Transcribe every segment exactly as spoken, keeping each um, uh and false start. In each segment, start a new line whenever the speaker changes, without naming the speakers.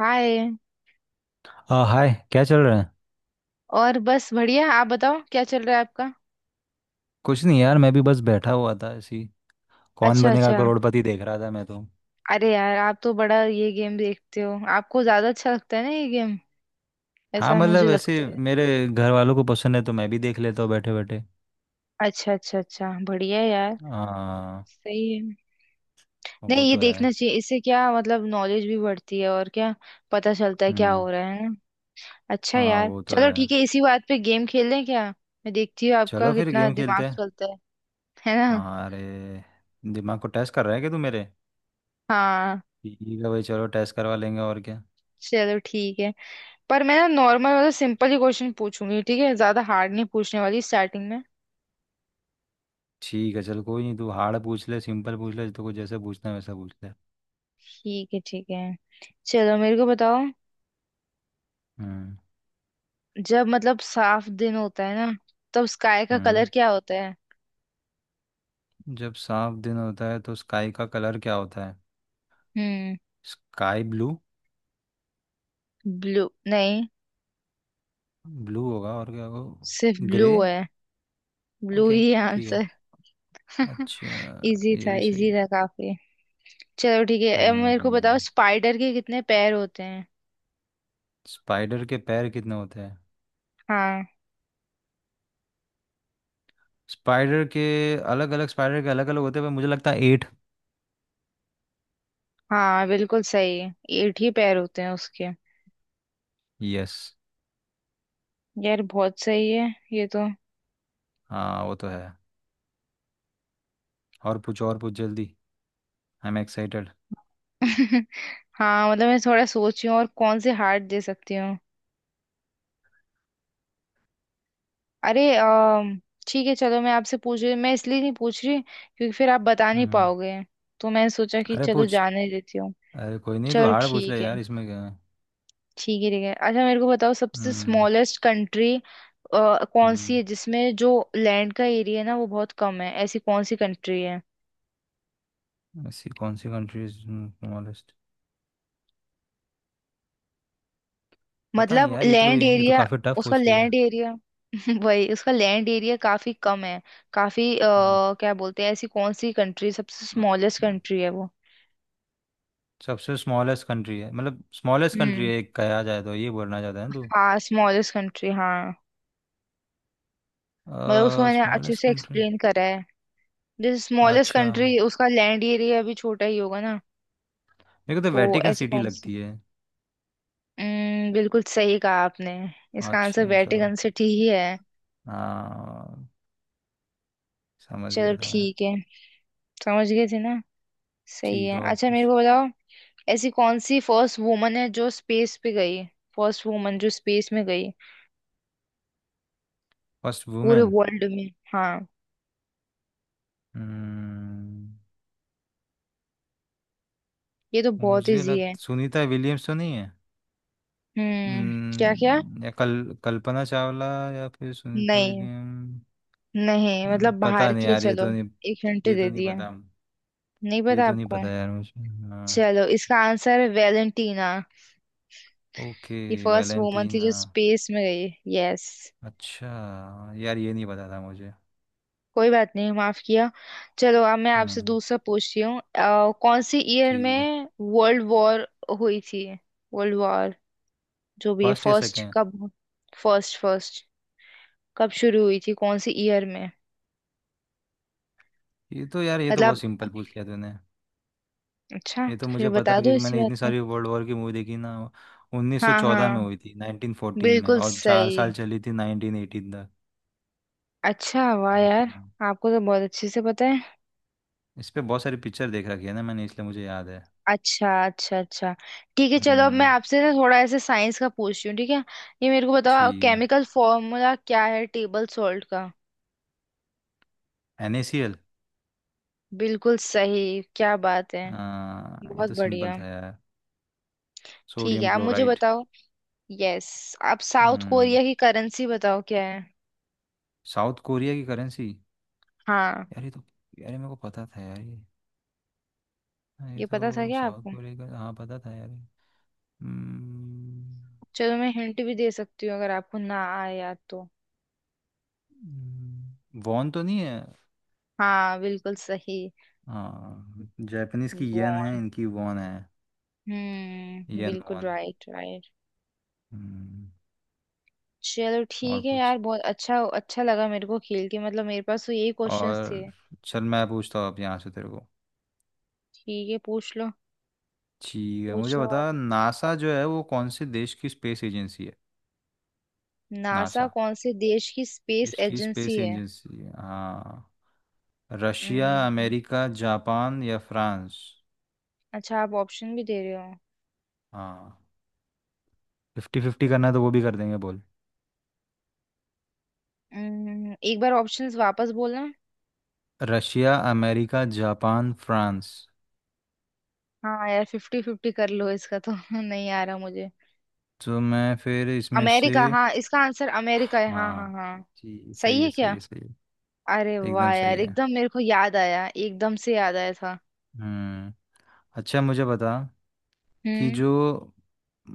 हाय।
आ, हाय, क्या चल रहा है।
और बस बढ़िया। आप बताओ क्या चल रहा है आपका।
कुछ नहीं यार, मैं भी बस बैठा हुआ था ऐसी। कौन
अच्छा
बनेगा
अच्छा।
करोड़पति देख रहा था मैं तो।
अरे यार आप तो बड़ा ये गेम देखते हो। आपको ज्यादा अच्छा लगता है ना ये गेम?
हाँ,
ऐसा मुझे
मतलब ऐसे
लगता है।
मेरे घर वालों को पसंद है तो मैं भी देख लेता हूँ बैठे बैठे।
अच्छा अच्छा अच्छा, बढ़िया है यार।
हाँ
सही है।
वो
नहीं, ये
तो है।
देखना चाहिए। इससे क्या, मतलब नॉलेज भी बढ़ती है, और क्या पता चलता है क्या
हम्म।
हो रहा है ना। अच्छा
हाँ
यार
वो तो
चलो,
है।
ठीक है इसी बात पे गेम खेल लें क्या। मैं देखती हूँ
चलो
आपका
फिर
कितना
गेम
दिमाग
खेलते हैं।
चलता है। है ना।
हाँ, अरे दिमाग को टेस्ट कर रहा है क्या तू मेरे।
हाँ
ठीक है भाई, चलो टेस्ट करवा लेंगे और क्या।
चलो ठीक है। पर मैं ना नॉर्मल वाला सिंपल ही क्वेश्चन पूछूंगी, ठीक है। ज्यादा हार्ड नहीं पूछने वाली स्टार्टिंग में।
ठीक है चल, कोई नहीं, तू हार्ड पूछ ले सिंपल पूछ ले, तो कुछ जैसे पूछना है वैसा पूछ ले।
ठीक है ठीक है। चलो मेरे को बताओ,
हम्म।
जब मतलब साफ दिन होता है ना, तब स्काई का
हम्म
कलर क्या होता है?
जब साफ दिन होता है तो स्काई का कलर क्या होता है।
हम्म।
Sky blue.
ब्लू नहीं,
ब्लू होगा और क्या
सिर्फ
होगा,
ब्लू
ग्रे।
है। ब्लू
ओके,
ही
ठीक है,
आंसर। इजी
अच्छा। ये
था,
भी सही
इजी
है।
था काफी। चलो ठीक है, अब मेरे को बताओ
हम्म
स्पाइडर के कितने पैर होते हैं?
स्पाइडर के पैर कितने होते हैं।
हाँ।
स्पाइडर के अलग अलग, स्पाइडर के अलग अलग होते हैं, पर मुझे लगता है एट।
हाँ बिल्कुल सही है, एट ही पैर होते हैं उसके।
यस,
यार बहुत सही है ये तो।
हाँ वो तो है। और पूछ और पूछ जल्दी। I am excited.
हाँ मतलब मैं थोड़ा सोची हूँ और कौन से हार्ट दे सकती हूँ। अरे अम, ठीक है चलो, मैं आपसे पूछ रही। मैं इसलिए नहीं पूछ रही क्योंकि फिर आप बता नहीं
हम्म।
पाओगे। तो मैंने सोचा कि
अरे
चलो
पूछ,
जाने देती हूँ।
अरे कोई नहीं तो
चलो
हार्ड पूछ
ठीक
ले
है।
यार, इसमें क्या है।
ठीक है ठीक है, अच्छा मेरे को बताओ सबसे
हम्म।
स्मॉलेस्ट कंट्री कौन सी
हम्म।
है, जिसमें जो लैंड का एरिया है ना वो बहुत कम है, ऐसी कौन सी कंट्री है?
ऐसी कौन सी कंट्रीज स्मॉलेस्ट। पता नहीं
मतलब
यार, ये तो
लैंड
ये तो
एरिया।
काफ़ी टफ
उसका
पूछ
लैंड
लिया।
एरिया वही, उसका लैंड एरिया काफी कम है। काफी अ, क्या बोलते हैं, ऐसी कौन सी कंट्री सबसे स्मॉलेस्ट
हम्म।
कंट्री है वो?
सबसे स्मॉलेस्ट कंट्री है, मतलब स्मॉलेस्ट कंट्री
हम्म।
है एक कहा जाए तो, ये बोलना चाहते हैं तू।
हाँ स्मॉलेस्ट कंट्री हाँ। मतलब उसको मैंने अच्छे
स्मॉलेस्ट
से
कंट्री।
एक्सप्लेन करा है। जैसे स्मॉलेस्ट
अच्छा,
कंट्री, उसका लैंड एरिया भी छोटा ही होगा ना।
मेरे को तो
तो
वेटिकन
ऐसे
सिटी
कौन सी।
लगती है।
हम्म, बिल्कुल सही कहा आपने। इसका आंसर
अच्छा चलो,
वेटिकन सिटी ही है।
हाँ, समझ
चलो
गया था मैं।
ठीक है। समझ गए थे ना। सही
ठीक है,
है।
और
अच्छा मेरे
कुछ।
को बताओ ऐसी कौन सी फर्स्ट वुमन है जो स्पेस पे गई। फर्स्ट वुमन जो स्पेस में गई।
फर्स्ट
पूरे
वुमेन।
वर्ल्ड में हाँ।
हम्म,
ये तो बहुत
मुझे
इजी
लग
है।
सुनीता विलियम्स तो नहीं है।
हम्म। क्या क्या।
हम्म, या कल कल्पना चावला। या फिर सुनीता
नहीं।
विलियम।
नहीं मतलब
पता
बाहर
नहीं
की है
यार ये
चलो।
तो नहीं।
एक घंटे
ये तो
दे
नहीं
दिया।
पता।
नहीं
ये
पता
तो नहीं
आपको।
पता यार मुझे। हाँ।
चलो, इसका आंसर है वेलेंटीना।
ओके।
ये फर्स्ट वुमन
वैलेंटीन
थी जो
हाँ।
स्पेस में गई। यस।
अच्छा, यार ये नहीं पता था मुझे।
कोई बात नहीं, माफ किया। चलो, अब मैं आपसे
हम्म,
दूसरा पूछती हूँ। अ, कौन सी ईयर
ठीक है।
में वर्ल्ड वॉर हुई थी? वर्ल्ड वॉर, जो भी है,
फर्स्ट या
फर्स्ट
सेकेंड।
कब। फर्स्ट फर्स्ट, कब शुरू हुई थी कौन सी ईयर में?
ये तो यार, ये तो बहुत
मतलब।
सिंपल पूछ लिया तूने।
अच्छा
ये तो
तो फिर
मुझे पता
बता
है
दो
क्योंकि
इसी
मैंने
बात
इतनी
पे।
सारी वर्ल्ड वॉर की मूवी देखी ना।
हाँ
उन्नीस सौ चौदह में
हाँ
हुई थी, उन्नीस सौ चौदह में,
बिल्कुल
और चार
सही।
साल चली थी नाइनटीन एटीन तक।
अच्छा वाह यार,
हम्म,
आपको तो बहुत अच्छे से पता है।
इस पे बहुत सारी पिक्चर देख रखी है ना मैंने, इसलिए मुझे याद है।
अच्छा अच्छा अच्छा। ठीक है चलो, अब मैं
हम्म,
आपसे ना थोड़ा ऐसे साइंस का पूछती हूँ, ठीक है। ये मेरे को बताओ,
ठीक
केमिकल फॉर्मूला क्या है टेबल सॉल्ट का?
है। NaCl।
बिल्कुल सही, क्या बात है।
हाँ ये
बहुत
तो सिंपल
बढ़िया।
था यार।
ठीक है,
सोडियम
आप मुझे
क्लोराइड।
बताओ। यस। आप साउथ
हम्म
कोरिया की करेंसी बताओ क्या है?
साउथ कोरिया की करेंसी।
हाँ।
यार ये तो, यार ये मेरे को पता था यार ये। हाँ, ये
ये पता था
तो
क्या
साउथ
आपको?
कोरिया का हाँ पता था यार ये। हम्म।
चलो मैं हिंट भी दे सकती हूँ अगर आपको ना आया तो।
वॉन तो नहीं है।
हाँ बिल्कुल सही।
हाँ, जापानीज की येन है,
वॉन।
इनकी वॉन है।
हम्म
येन
बिल्कुल
वॉन।
Right right.
हम्म।
चलो
और
ठीक है
कुछ।
यार, बहुत अच्छा अच्छा लगा मेरे को खेल के। मतलब मेरे पास तो यही क्वेश्चंस थे।
और। चल मैं पूछता हूँ अब यहाँ से तेरे को।
ठीक है पूछ लो।
ठीक है,
पूछ
मुझे
लो
बता
आप।
नासा जो है वो कौन से देश की स्पेस एजेंसी है।
नासा
नासा
कौन से देश की स्पेस
इसकी
एजेंसी
स्पेस
है?
एजेंसी है। हाँ, रशिया,
हम्म।
अमेरिका, जापान या फ्रांस।
अच्छा आप ऑप्शन भी दे रहे हो।
हाँ, फिफ्टी फिफ्टी करना है तो वो भी कर देंगे, बोल।
हम्म, एक बार ऑप्शंस वापस बोलना।
Russia, America, Japan, France.
हाँ यार फिफ्टी फिफ्टी कर लो, इसका तो नहीं आ रहा मुझे।
तो मैं फिर इसमें से।
अमेरिका। हाँ इसका आंसर अमेरिका है, हाँ
हाँ
हाँ हाँ।
जी,
सही
सही है
है
सही
क्या।
है सही
अरे
है। एकदम
वाह
सही
यार,
है।
एकदम मेरे को याद आया, एकदम से याद आया था।
हम्म। अच्छा मुझे बता कि
हम्म।
जो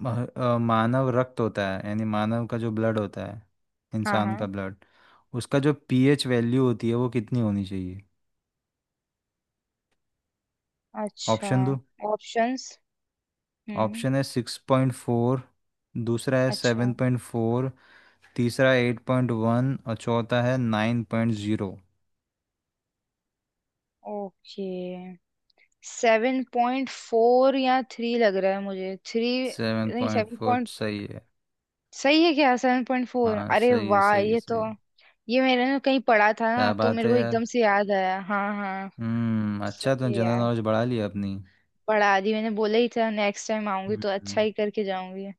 मह- अ, मानव रक्त होता है यानी मानव का जो ब्लड होता है,
हाँ
इंसान
हाँ।
का ब्लड, उसका जो पीएच वैल्यू होती है वो कितनी होनी चाहिए।
अच्छा।
ऑप्शन दो।
ऑप्शंस। हम्म।
ऑप्शन है सिक्स पॉइंट फोर, दूसरा है
अच्छा।
सेवन पॉइंट फोर, तीसरा एट पॉइंट वन, और चौथा है nine point zero.
Okay. Seven point four या थ्री लग रहा है मुझे, थ्री।
सेवन
नहीं
पॉइंट
सेवन
फोर
पॉइंट।
सही है।
सही है क्या? सेवन पॉइंट फोर,
हाँ
अरे
सही है
वाह
सही है
ये
सही
तो।
है।
ये मैंने ना कहीं पढ़ा था ना,
क्या
तो
बात
मेरे
है
को
यार।
एकदम से याद आया, हाँ हाँ।
हम्म अच्छा
सही
तुमने
है
जनरल
यार।
नॉलेज बढ़ा लिया अपनी।
बढ़ा दी, मैंने बोला ही था नेक्स्ट टाइम आऊंगी तो
हम्म
अच्छा ही करके जाऊंगी।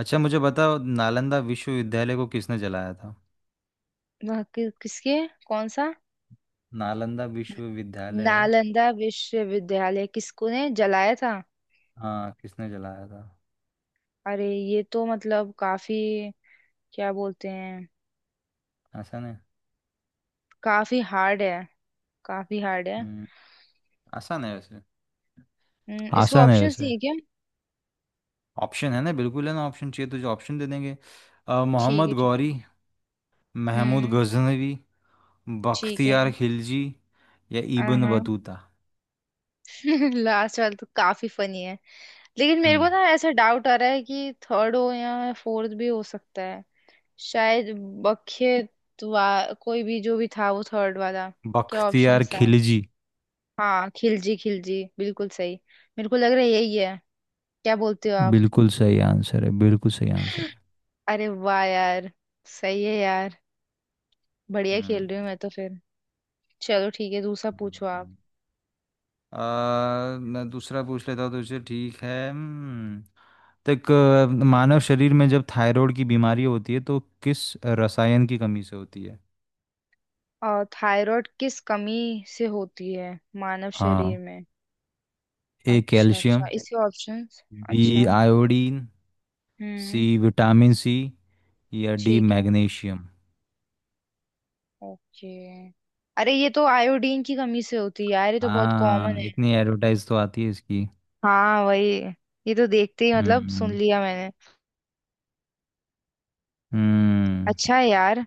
अच्छा मुझे बताओ नालंदा विश्वविद्यालय को किसने जलाया था।
वह कि, किसके। कौन सा।
नालंदा विश्वविद्यालय।
नालंदा विश्वविद्यालय किसको ने जलाया था?
हाँ किसने जलाया था।
अरे ये तो मतलब काफी, क्या बोलते हैं,
आसान है।
काफी हार्ड है। काफी हार्ड है।
हम्म। आसान है वैसे।
हम्म, इसको
आसान है
ऑप्शंस नहीं
वैसे।
है क्या?
ऑप्शन है ना, बिल्कुल है ना, ऑप्शन चाहिए तुझे ऑप्शन दे देंगे। अ,
ठीक
मोहम्मद
है ठीक है।
गौरी, महमूद
हम्म।
गजनवी,
ठीक है।
बख्तियार खिलजी, या इब्न
हाँ।
बतूता।
लास्ट वाला तो काफी फनी है। लेकिन मेरे को
हम्म।
ना ऐसा डाउट आ रहा है कि थर्ड हो या फोर्थ भी हो सकता है, शायद। बख्ये वा कोई भी जो भी था, वो थर्ड वाला। क्या ऑप्शन
बख्तियार
था?
खिलजी
हाँ खिलजी खिलजी बिल्कुल सही। मेरे को लग रहा है यही है। क्या बोलते हो आप?
बिल्कुल सही आंसर है, बिल्कुल सही आंसर है।
अरे वाह यार, सही है यार। बढ़िया खेल
हम्म।
रही हूँ मैं तो फिर। चलो ठीक है, दूसरा पूछो आप।
हम्म। आ, मैं दूसरा पूछ लेता हूँ तुझसे, ठीक है। हम्म, तक अ, मानव शरीर में जब थायराइड की बीमारी होती है तो किस रसायन की कमी से होती है।
और थायराइड किस कमी से होती है मानव शरीर
हाँ,
में?
ए
अच्छा अच्छा,
कैल्शियम,
इसके ऑप्शंस।
बी
अच्छा।
आयोडीन, सी
हम्म।
विटामिन सी, या डी
ठीक है।
मैग्नीशियम।
ओके। अरे ये तो आयोडीन की कमी से होती है यार, ये तो बहुत कॉमन
हाँ,
है।
इतनी एडवर्टाइज तो आती है इसकी।
हाँ वही। ये तो देखते ही मतलब सुन
हम्म।
लिया मैंने।
हम्म।
अच्छा है यार।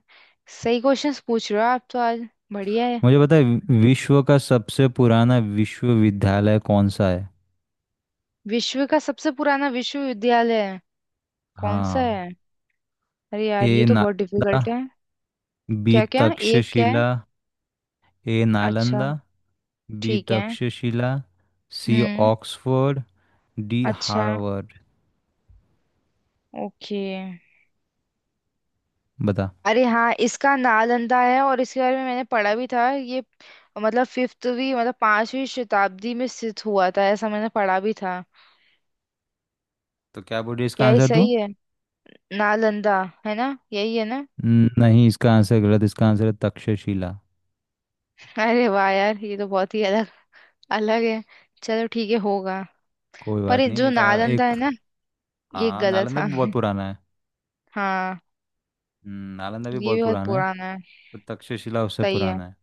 सही क्वेश्चंस पूछ रहे हो आप तो आज। बढ़िया है।
मुझे पता है वि- विश्व का सबसे पुराना विश्वविद्यालय कौन सा है।
विश्व का सबसे पुराना विश्वविद्यालय कौन सा
हाँ,
है? अरे यार
ए
ये तो बहुत
नालंदा,
डिफिकल्ट है।
बी
क्या क्या, एक क्या है?
तक्षशिला। ए
अच्छा।
नालंदा, बी
ठीक है।
तक्षशिला, सी
हम्म।
ऑक्सफोर्ड, डी
अच्छा।
हार्वर्ड।
ओके।
बता।
अरे हाँ, इसका नालंदा है, और इसके बारे में मैंने पढ़ा भी था ये। मतलब फिफ्थवी मतलब पांचवी शताब्दी में स्थित हुआ था ऐसा मैंने पढ़ा भी था।
तो क्या बोल रही है इसका
क्या ये
आंसर तू।
सही है? नालंदा है ना, यही है ना।
न- नहीं इसका आंसर गलत, इसका आंसर है तक्षशिला।
अरे वाह यार, ये तो बहुत ही अलग अलग है। चलो ठीक है, होगा।
कोई
पर
बात
ये
नहीं,
जो
एक आ,
नालंदा
एक।
है ना, ये
हाँ,
गलत
नालंदा
था।
भी बहुत पुराना है।
हाँ,
हम्म, नालंदा भी
ये भी
बहुत
बहुत
पुराना है।
पुराना है।
तो तक्षशिला उससे
सही है।
पुराना है।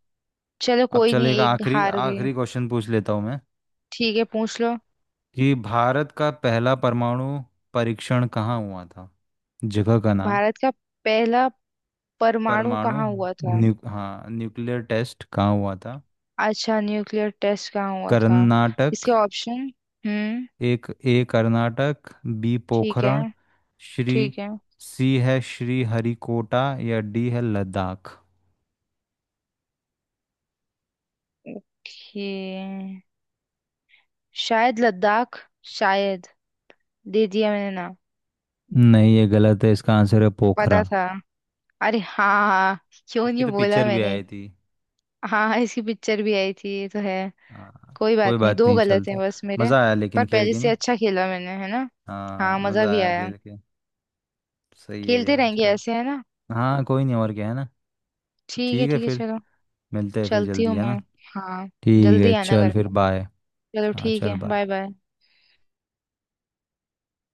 चलो
अब
कोई
चल
नहीं,
एक
एक
आखिरी
हार गए।
आखिरी क्वेश्चन पूछ लेता हूँ मैं
ठीक है पूछ लो।
कि भारत का पहला परमाणु परीक्षण कहाँ हुआ था, जगह का नाम।
भारत का पहला परमाणु
परमाणु।
कहाँ हुआ था।
न्यू हम्म, हाँ, न्यूक्लियर टेस्ट कहाँ हुआ था।
अच्छा, न्यूक्लियर टेस्ट कहाँ हुआ था। इसके
कर्नाटक।
ऑप्शन। हम्म।
एक, ए कर्नाटक, बी
ठीक है।
पोखरण, श्री,
ठीक है।
सी है श्री हरिकोटा, या डी है लद्दाख।
ओके। शायद लद्दाख, शायद। दे दिया मैंने ना।
नहीं ये गलत है, इसका आंसर है
पता
पोखरण।
था। अरे हाँ हाँ, क्यों नहीं
इसकी तो
बोला
पिक्चर भी
मैंने।
आई थी।
हाँ हाँ इसकी पिक्चर भी आई थी, ये तो है।
हाँ
कोई
कोई
बात नहीं,
बात
दो
नहीं
गलत हैं
चलता।
बस मेरे।
मज़ा आया
पर
लेकिन खेल
पहले
के
से
नहीं।
अच्छा खेला मैंने, है ना।
हाँ
हाँ मजा
मज़ा
भी
आया
आया।
खेल के। सही है
खेलते
यार,
रहेंगे
चल।
ऐसे, है ना।
हाँ कोई नहीं और क्या है ना।
ठीक है
ठीक है
ठीक है
फिर,
चलो।
मिलते हैं फिर
चलती हूँ
जल्दी, है
मैं।
ना।
हाँ।
ठीक
जल्दी
है
आना
चल
घर
फिर
पर।
बाय।
चलो
हाँ
ठीक
चल
है, बाय
बाय।
बाय।